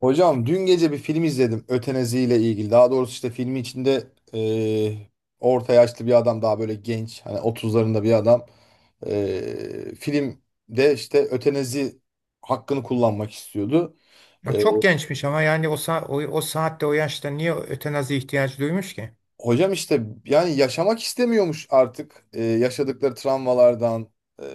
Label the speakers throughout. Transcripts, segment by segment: Speaker 1: Hocam dün gece bir film izledim ötenazi ile ilgili. Daha doğrusu işte filmi içinde eee, orta yaşlı bir adam daha böyle genç, hani 30'larında bir adam. Filmde işte ötenazi hakkını kullanmak istiyordu.
Speaker 2: Ya
Speaker 1: Eee,
Speaker 2: çok gençmiş ama yani o saatte o yaşta niye ötenazi ihtiyacı duymuş ki?
Speaker 1: Hocam işte yani yaşamak istemiyormuş artık. Yaşadıkları travmalardan, eee,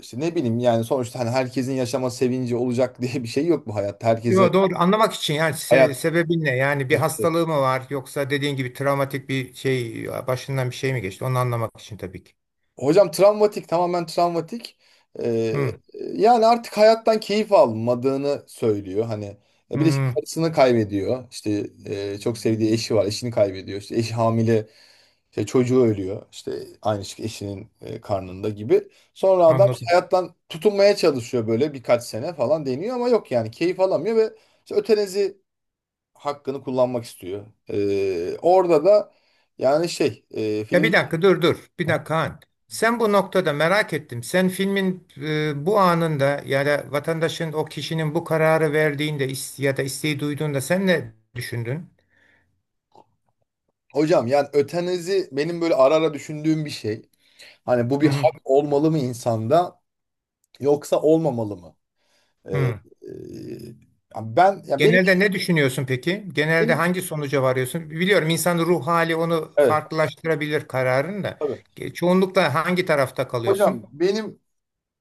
Speaker 1: işte ne bileyim, yani sonuçta hani herkesin yaşama sevinci olacak diye bir şey yok bu hayatta. Herkese
Speaker 2: Yo, doğru anlamak için yani
Speaker 1: hayat.
Speaker 2: sebebi ne? Yani bir hastalığı mı var yoksa dediğin gibi travmatik bir şey başından bir şey mi geçti? Onu anlamak için tabii ki.
Speaker 1: Hocam travmatik, tamamen travmatik. Ee,
Speaker 2: Hı,
Speaker 1: Yani artık hayattan keyif almadığını söylüyor. Hani, bir de işte
Speaker 2: hı,
Speaker 1: karısını kaybediyor. İşte çok sevdiği eşi var, eşini kaybediyor. İşte eşi hamile, işte çocuğu ölüyor. İşte aynı şey eşinin karnında gibi. Sonra adam işte
Speaker 2: anladım.
Speaker 1: hayattan tutunmaya çalışıyor, böyle birkaç sene falan deniyor ama yok, yani keyif alamıyor ve işte ötenezi hakkını kullanmak istiyor. Orada da yani şey,
Speaker 2: Ya bir
Speaker 1: film.
Speaker 2: dakika dur. Bir dakika Han. Sen bu noktada merak ettim. Sen filmin bu anında ya da vatandaşın o kişinin bu kararı verdiğinde ya da isteği duyduğunda sen ne düşündün?
Speaker 1: Hocam yani ötenazi benim böyle ara ara düşündüğüm bir şey. Hani bu
Speaker 2: Hı,
Speaker 1: bir
Speaker 2: hı.
Speaker 1: hak olmalı mı insanda, yoksa olmamalı mı? Ee,
Speaker 2: Hı.
Speaker 1: e, Yani ben, ya benim
Speaker 2: Genelde ne düşünüyorsun peki? Genelde
Speaker 1: benim
Speaker 2: hangi sonuca varıyorsun? Biliyorum insanın ruh hali onu
Speaker 1: Evet,
Speaker 2: farklılaştırabilir kararını da.
Speaker 1: tabii.
Speaker 2: Çoğunlukla hangi tarafta
Speaker 1: Hocam
Speaker 2: kalıyorsun?
Speaker 1: benim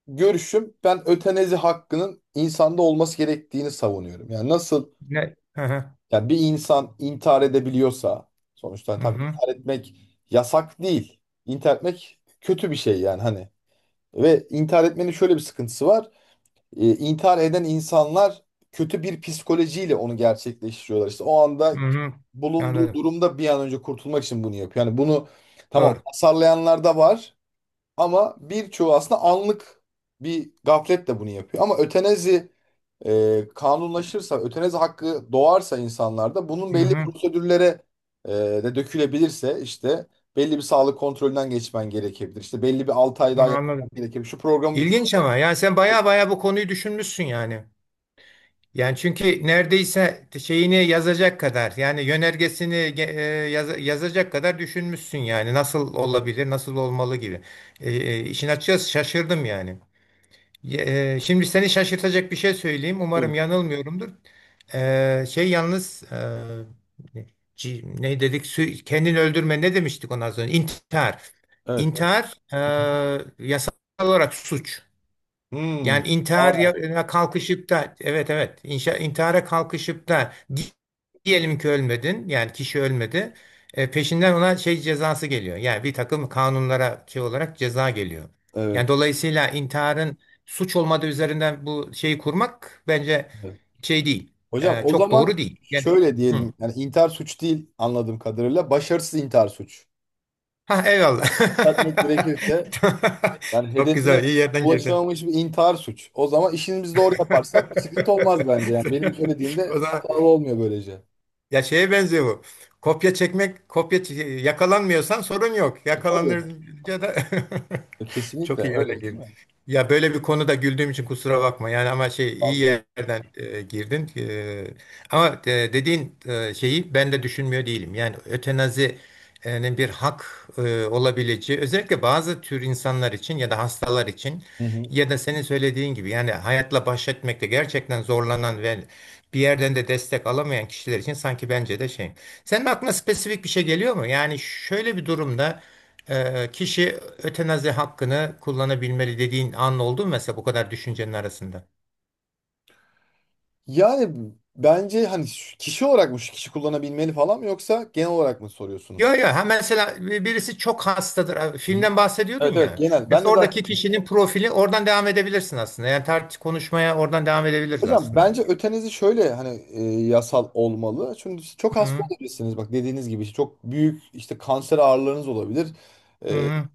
Speaker 1: görüşüm, ben ötenazi hakkının insanda olması gerektiğini savunuyorum. Yani nasıl,
Speaker 2: Ne? Hı hı.
Speaker 1: yani bir insan intihar edebiliyorsa, sonuçta hani
Speaker 2: Hı
Speaker 1: tabii
Speaker 2: hı.
Speaker 1: intihar etmek yasak değil. İntihar etmek kötü bir şey yani, hani ve intihar etmenin şöyle bir sıkıntısı var. İntihar eden insanlar kötü bir psikolojiyle onu gerçekleştiriyorlar. İşte o
Speaker 2: Hı
Speaker 1: anda
Speaker 2: hı.
Speaker 1: bulunduğu
Speaker 2: Anladım.
Speaker 1: durumda bir an önce kurtulmak için bunu yapıyor. Yani bunu tamam
Speaker 2: Doğru.
Speaker 1: hasarlayanlar da var ama birçoğu aslında anlık bir gafletle bunu yapıyor. Ama ötenezi kanunlaşırsa, ötenezi hakkı doğarsa insanlarda, bunun
Speaker 2: Hı
Speaker 1: belli
Speaker 2: hı.
Speaker 1: prosedürlere de dökülebilirse, işte belli bir sağlık kontrolünden geçmen gerekebilir. İşte belli bir 6 ay daha yaşaman
Speaker 2: Anladım.
Speaker 1: gerekebilir. Şu programı bitir.
Speaker 2: İlginç ama yani sen
Speaker 1: Buyurun.
Speaker 2: baya baya bu konuyu düşünmüşsün yani. Yani çünkü neredeyse şeyini yazacak kadar yani yönergesini yazacak kadar düşünmüşsün yani nasıl olabilir, nasıl olmalı gibi. İşin açıkçası şaşırdım yani. Şimdi seni şaşırtacak bir şey söyleyeyim. Umarım yanılmıyorumdur. Şey yalnız ne dedik? Kendini öldürme ne demiştik ona az önce? İntihar.
Speaker 1: Evet. Hı
Speaker 2: İntihar yasal olarak suç.
Speaker 1: hı. Hmm.
Speaker 2: Yani
Speaker 1: Aa,
Speaker 2: kalkışıp da intihara kalkışıp da diyelim ki ölmedin, yani kişi ölmedi. E, peşinden ona şey cezası geliyor, yani bir takım kanunlara şey olarak ceza geliyor. Yani
Speaker 1: evet.
Speaker 2: dolayısıyla intiharın suç olmadığı üzerinden bu şeyi kurmak bence
Speaker 1: Evet.
Speaker 2: şey değil,
Speaker 1: Hocam o
Speaker 2: Çok
Speaker 1: zaman
Speaker 2: doğru değil. Yani,
Speaker 1: şöyle
Speaker 2: hı.
Speaker 1: diyelim. Yani intihar suç değil anladığım kadarıyla. Başarısız intihar suç.
Speaker 2: Ha eyvallah.
Speaker 1: Düzeltmek gerekirse, yani
Speaker 2: Çok
Speaker 1: hedefine
Speaker 2: güzel, iyi yerden girdin.
Speaker 1: ulaşamamış bir intihar suç. O zaman işimizi doğru yaparsak bir sıkıntı olmaz bence. Yani benim
Speaker 2: O
Speaker 1: söylediğimde
Speaker 2: zaman
Speaker 1: hatalı olmuyor böylece.
Speaker 2: ya şeye benziyor bu. Kopya çekmek, yakalanmıyorsan sorun yok.
Speaker 1: Tabii.
Speaker 2: Yakalanınca da çok
Speaker 1: Kesinlikle,
Speaker 2: iyi
Speaker 1: öyle
Speaker 2: yerden
Speaker 1: değil
Speaker 2: girdin.
Speaker 1: mi?
Speaker 2: Ya böyle bir konuda güldüğüm için kusura bakma. Yani ama şey iyi
Speaker 1: Tabii.
Speaker 2: yerden girdin. Ama dediğin şeyi ben de düşünmüyor değilim. Yani ötenazinin bir hak olabileceği, özellikle bazı tür insanlar için ya da hastalar için
Speaker 1: Hı hı.
Speaker 2: ya da senin söylediğin gibi yani hayatla baş etmekte gerçekten zorlanan ve bir yerden de destek alamayan kişiler için sanki bence de şey. Senin aklına spesifik bir şey geliyor mu? Yani şöyle bir durumda kişi ötenazi hakkını kullanabilmeli dediğin an oldu mu mesela bu kadar düşüncenin arasında?
Speaker 1: Yani bence hani kişi olarak mı, şu kişi kullanabilmeli falan mı, yoksa genel olarak mı
Speaker 2: Yo
Speaker 1: soruyorsunuz?
Speaker 2: yo, ha mesela birisi çok hastadır. Ha,
Speaker 1: Hı hı.
Speaker 2: filmden bahsediyordun
Speaker 1: Evet, evet,
Speaker 2: ya.
Speaker 1: genel. Ben de
Speaker 2: Mesela
Speaker 1: zaten.
Speaker 2: oradaki kişinin profili, oradan devam edebilirsin aslında. Yani tartış, konuşmaya oradan devam edebiliriz
Speaker 1: Hocam
Speaker 2: aslında.
Speaker 1: bence ötenizi şöyle hani, yasal olmalı. Çünkü siz çok hasta
Speaker 2: Hı
Speaker 1: olabilirsiniz. Bak, dediğiniz gibi işte çok büyük işte kanser ağrılarınız olabilir. E, e,
Speaker 2: hı.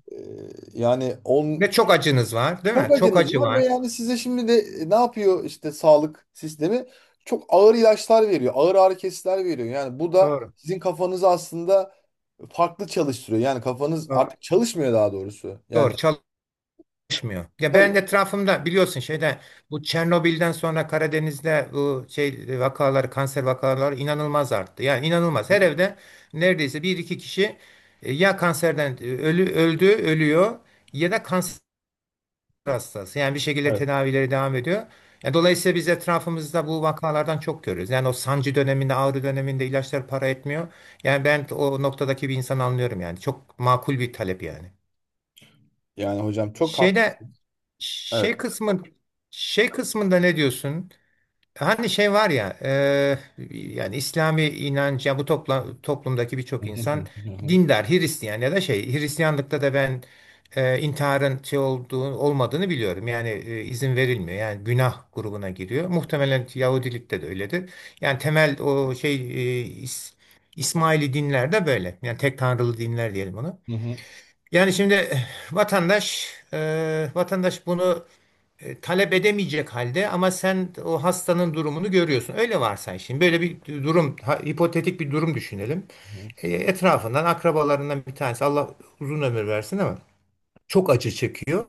Speaker 1: Yani on.
Speaker 2: Ve çok acınız var, değil mi?
Speaker 1: Çok
Speaker 2: Çok
Speaker 1: acınız
Speaker 2: acı
Speaker 1: var ve
Speaker 2: var.
Speaker 1: yani size şimdi de ne yapıyor işte sağlık sistemi? Çok ağır ilaçlar veriyor. Ağır ağrı kesiciler veriyor. Yani bu da
Speaker 2: Doğru.
Speaker 1: sizin kafanızı aslında farklı çalıştırıyor. Yani kafanız
Speaker 2: Doğru.
Speaker 1: artık çalışmıyor, daha doğrusu. Yani
Speaker 2: Doğru, çalışmıyor. Ya
Speaker 1: tabii.
Speaker 2: ben de etrafımda biliyorsun şeyde, bu Çernobil'den sonra Karadeniz'de bu şey vakaları, kanser vakaları inanılmaz arttı. Yani inanılmaz. Her evde neredeyse bir iki kişi ya kanserden e, ölü öldü, ölüyor ya da kanser hastası. Yani bir şekilde
Speaker 1: Evet.
Speaker 2: tedavileri devam ediyor. Yani dolayısıyla biz etrafımızda bu vakalardan çok görüyoruz. Yani o sancı döneminde, ağrı döneminde ilaçlar para etmiyor. Yani ben o noktadaki bir insan anlıyorum yani. Çok makul bir talep yani.
Speaker 1: Yani hocam çok
Speaker 2: Şeyde,
Speaker 1: haklısın. Evet.
Speaker 2: şey kısmı şey kısmında ne diyorsun? Hani şey var ya, yani İslami inanç, ya bu toplumdaki
Speaker 1: Hı
Speaker 2: birçok
Speaker 1: hı hı
Speaker 2: insan
Speaker 1: hı
Speaker 2: dindar. Hristiyan ya da şey, Hristiyanlıkta da ben intiharın şey olduğu olmadığını biliyorum. Yani izin verilmiyor. Yani günah grubuna giriyor. Muhtemelen Yahudilikte de öyledir. Yani temel o şey, e, İs- İsmaili dinler de böyle. Yani tek tanrılı dinler diyelim onu.
Speaker 1: hı hı
Speaker 2: Yani şimdi vatandaş, vatandaş bunu talep edemeyecek halde ama sen o hastanın durumunu görüyorsun. Öyle varsay, şimdi böyle bir durum, hipotetik bir durum düşünelim.
Speaker 1: hı.
Speaker 2: E, etrafından, akrabalarından bir tanesi, Allah uzun ömür versin ama çok acı çekiyor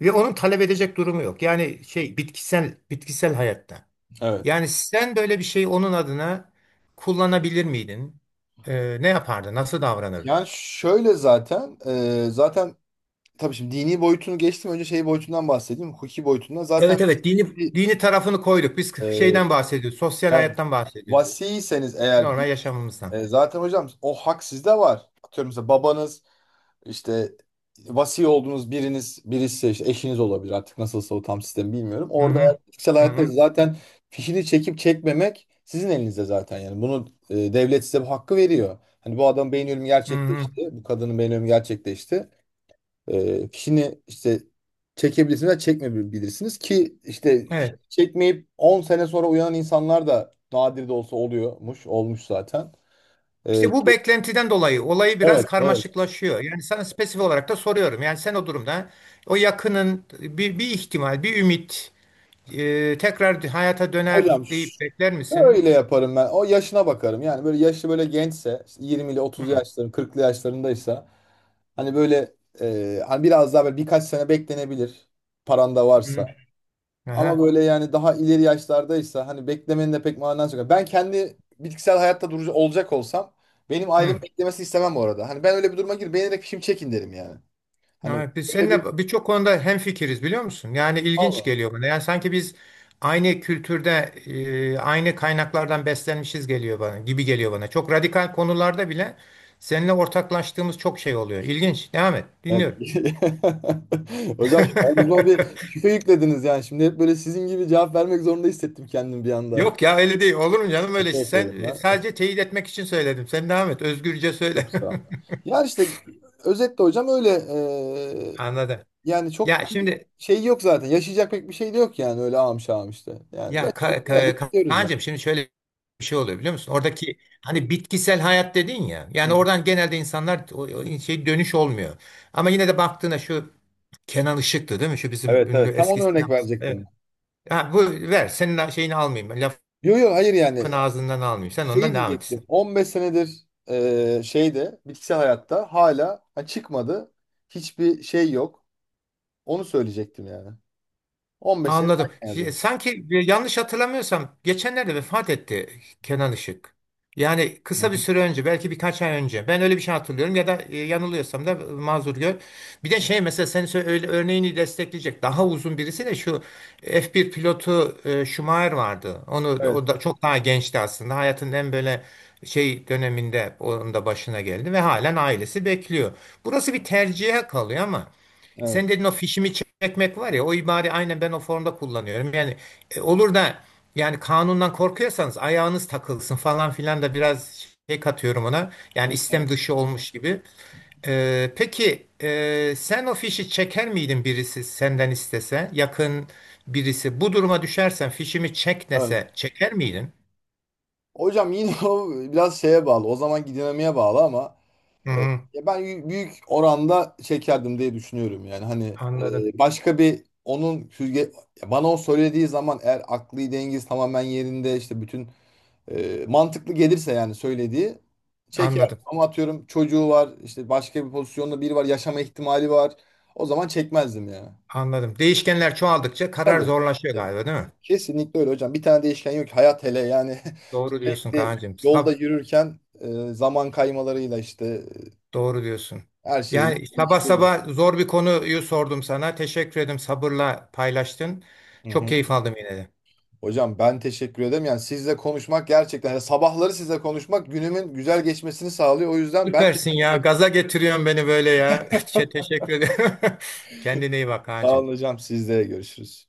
Speaker 2: ve onun talep edecek durumu yok. Yani şey, bitkisel hayatta.
Speaker 1: Evet.
Speaker 2: Yani sen böyle bir şeyi onun adına kullanabilir miydin? E, ne yapardın? Nasıl davranırdın?
Speaker 1: Yani şöyle zaten, tabii şimdi dini boyutunu geçtim. Önce şey boyutundan bahsedeyim. Hukuki boyutundan. Zaten
Speaker 2: Evet evet, dini
Speaker 1: bir,
Speaker 2: dini tarafını koyduk. Biz
Speaker 1: e,
Speaker 2: şeyden bahsediyoruz, sosyal
Speaker 1: yani,
Speaker 2: hayattan bahsediyoruz.
Speaker 1: vasiyseniz eğer.
Speaker 2: Normal yaşamımızdan.
Speaker 1: Zaten hocam o hak sizde var. Atıyorum, mesela babanız işte, vasi olduğunuz birisi, işte eşiniz olabilir artık, nasılsa o tam sistemi bilmiyorum.
Speaker 2: Hı
Speaker 1: Orada
Speaker 2: hı,
Speaker 1: kişisel
Speaker 2: hı
Speaker 1: hayatta
Speaker 2: hı,
Speaker 1: zaten fişini çekip çekmemek sizin elinizde zaten yani. Bunu devlet size bu hakkı veriyor. Hani bu adam beyin ölümü
Speaker 2: hı hı.
Speaker 1: gerçekleşti. Bu kadının beyin ölümü gerçekleşti. Fişini işte çekebilirsiniz ve çekmeyebilirsiniz ki, işte fişini
Speaker 2: Evet.
Speaker 1: çekmeyip 10 sene sonra uyanan insanlar da nadir de olsa oluyormuş. Olmuş zaten. E,
Speaker 2: İşte bu beklentiden dolayı olayı biraz
Speaker 1: Evet, evet.
Speaker 2: karmaşıklaşıyor. Yani sana spesifik olarak da soruyorum. Yani sen o durumda o yakının bir ihtimal, bir ümit tekrar hayata döner
Speaker 1: Hocam
Speaker 2: deyip bekler misin?
Speaker 1: şöyle yaparım ben. O yaşına bakarım. Yani böyle yaşlı, böyle gençse, işte 20 ile
Speaker 2: Hı
Speaker 1: 30
Speaker 2: hı.
Speaker 1: yaşların, 40'lı yaşlarındaysa, hani böyle, hani biraz daha böyle birkaç sene beklenebilir, paran da varsa. Ama
Speaker 2: Aha.
Speaker 1: böyle yani daha ileri yaşlardaysa, hani beklemenin de pek manası yok. Ben kendi bitkisel hayatta durucu olacak olsam, benim ailem
Speaker 2: Hı.
Speaker 1: beklemesi istemem orada. Hani ben öyle bir duruma gir, beğenerek şimdi çekin derim yani. Hani
Speaker 2: Evet, biz
Speaker 1: öyle bir.
Speaker 2: seninle birçok konuda hemfikiriz, biliyor musun? Yani ilginç
Speaker 1: Vallahi.
Speaker 2: geliyor bana. Yani sanki biz aynı kültürde, aynı kaynaklardan beslenmişiz geliyor bana, gibi geliyor bana. Çok radikal konularda bile seninle ortaklaştığımız çok şey oluyor. İlginç. Devam et.
Speaker 1: Evet.
Speaker 2: Dinliyorum.
Speaker 1: Hocam şu ağzıma bir küfe yüklediniz yani. Şimdi hep böyle sizin gibi cevap vermek zorunda hissettim kendimi bir anda.
Speaker 2: Yok ya, öyle değil. Olur mu canım öyle
Speaker 1: Teşekkür
Speaker 2: şey?
Speaker 1: ederim
Speaker 2: Sen,
Speaker 1: ya.
Speaker 2: sadece teyit etmek için söyledim. Sen devam et. Özgürce söyle.
Speaker 1: Çok sağ olun. Ya işte özetle hocam öyle,
Speaker 2: Anladım.
Speaker 1: yani
Speaker 2: Ya
Speaker 1: çok bir
Speaker 2: şimdi,
Speaker 1: şey yok zaten. Yaşayacak pek bir şey de yok yani, öyle ağam şağım işte. Yani
Speaker 2: ya
Speaker 1: yaşadık, geldik, gidiyoruz yani.
Speaker 2: Kaan'cığım, şimdi şöyle bir şey oluyor biliyor musun? Oradaki hani bitkisel hayat dedin ya.
Speaker 1: Hı
Speaker 2: Yani
Speaker 1: hı.
Speaker 2: oradan genelde insanlar, o şey, dönüş olmuyor. Ama yine de baktığına şu Kenan Işık'tı değil mi? Şu bizim
Speaker 1: Evet,
Speaker 2: ünlü
Speaker 1: evet, tam onu
Speaker 2: eski
Speaker 1: örnek
Speaker 2: sinemacı. Evet.
Speaker 1: verecektim.
Speaker 2: Ha, bu ver, senin şeyini almayayım, lafın
Speaker 1: Yok, yok, hayır, yani
Speaker 2: ağzından almayayım. Sen
Speaker 1: şey
Speaker 2: ondan devam et.
Speaker 1: diyecektim. 15 senedir şeyde, bitkisel hayatta, hala çıkmadı. Hiçbir şey yok. Onu söyleyecektim yani. 15 sene
Speaker 2: Anladım.
Speaker 1: erken evde.
Speaker 2: Sanki yanlış hatırlamıyorsam geçenlerde vefat etti Kenan Işık. Yani
Speaker 1: Hı
Speaker 2: kısa bir
Speaker 1: hı.
Speaker 2: süre önce, belki birkaç ay önce. Ben öyle bir şey hatırlıyorum, ya da yanılıyorsam da mazur gör. Bir de şey, mesela senin öyle örneğini destekleyecek daha uzun birisi de şu F1 pilotu Schumacher vardı. O
Speaker 1: Evet,
Speaker 2: da çok daha gençti aslında. Hayatının en böyle şey döneminde onun da başına geldi ve halen ailesi bekliyor. Burası bir tercihe kalıyor ama
Speaker 1: evet.
Speaker 2: sen dedin, o fişimi çekmek var ya, o ibare aynen, ben o formda kullanıyorum. Yani olur da, yani kanundan korkuyorsanız ayağınız takılsın falan filan da biraz şey katıyorum ona.
Speaker 1: Hı
Speaker 2: Yani
Speaker 1: hı.
Speaker 2: istem dışı olmuş gibi. E, peki sen o fişi çeker miydin, birisi senden istese, yakın birisi bu duruma düşersen fişimi çek
Speaker 1: Evet.
Speaker 2: dese çeker miydin?
Speaker 1: Hocam yine o biraz şeye bağlı. O zamanki dinamiğe bağlı ama,
Speaker 2: Hı
Speaker 1: e,
Speaker 2: hı,
Speaker 1: ya büyük oranda çekerdim diye düşünüyorum yani. Hani,
Speaker 2: anladım
Speaker 1: başka bir, onun süzge, ya bana o söylediği zaman eğer aklı dengesi tamamen yerinde, işte bütün, mantıklı gelirse yani söylediği, çeker.
Speaker 2: anladım
Speaker 1: Ama atıyorum, çocuğu var, işte başka bir pozisyonda biri var, yaşama ihtimali var. O zaman çekmezdim ya.
Speaker 2: anladım. Değişkenler çoğaldıkça karar
Speaker 1: Tabii.
Speaker 2: zorlaşıyor
Speaker 1: E,
Speaker 2: galiba, değil mi?
Speaker 1: Kesinlikle öyle hocam. Bir tane değişken yok ki. Hayat hele yani
Speaker 2: Doğru diyorsun
Speaker 1: sürekli
Speaker 2: Kaan'cığım.
Speaker 1: yolda yürürken, zaman kaymalarıyla işte,
Speaker 2: Doğru diyorsun.
Speaker 1: her şeyle
Speaker 2: Yani sabah
Speaker 1: geçiriyor.
Speaker 2: sabah zor bir konuyu sordum sana. Teşekkür ederim, sabırla paylaştın.
Speaker 1: Hı
Speaker 2: Çok
Speaker 1: hı.
Speaker 2: keyif aldım yine de.
Speaker 1: Hocam ben teşekkür ederim. Yani sizle konuşmak, gerçekten yani sabahları sizle konuşmak günümün güzel geçmesini sağlıyor. O yüzden ben
Speaker 2: Süpersin
Speaker 1: teşekkür
Speaker 2: ya.
Speaker 1: ederim.
Speaker 2: Gaza getiriyorsun beni böyle ya. Teşekkür ederim. Kendine iyi bak
Speaker 1: Sağ olun
Speaker 2: Kaan'cığım.
Speaker 1: hocam. Sizle görüşürüz.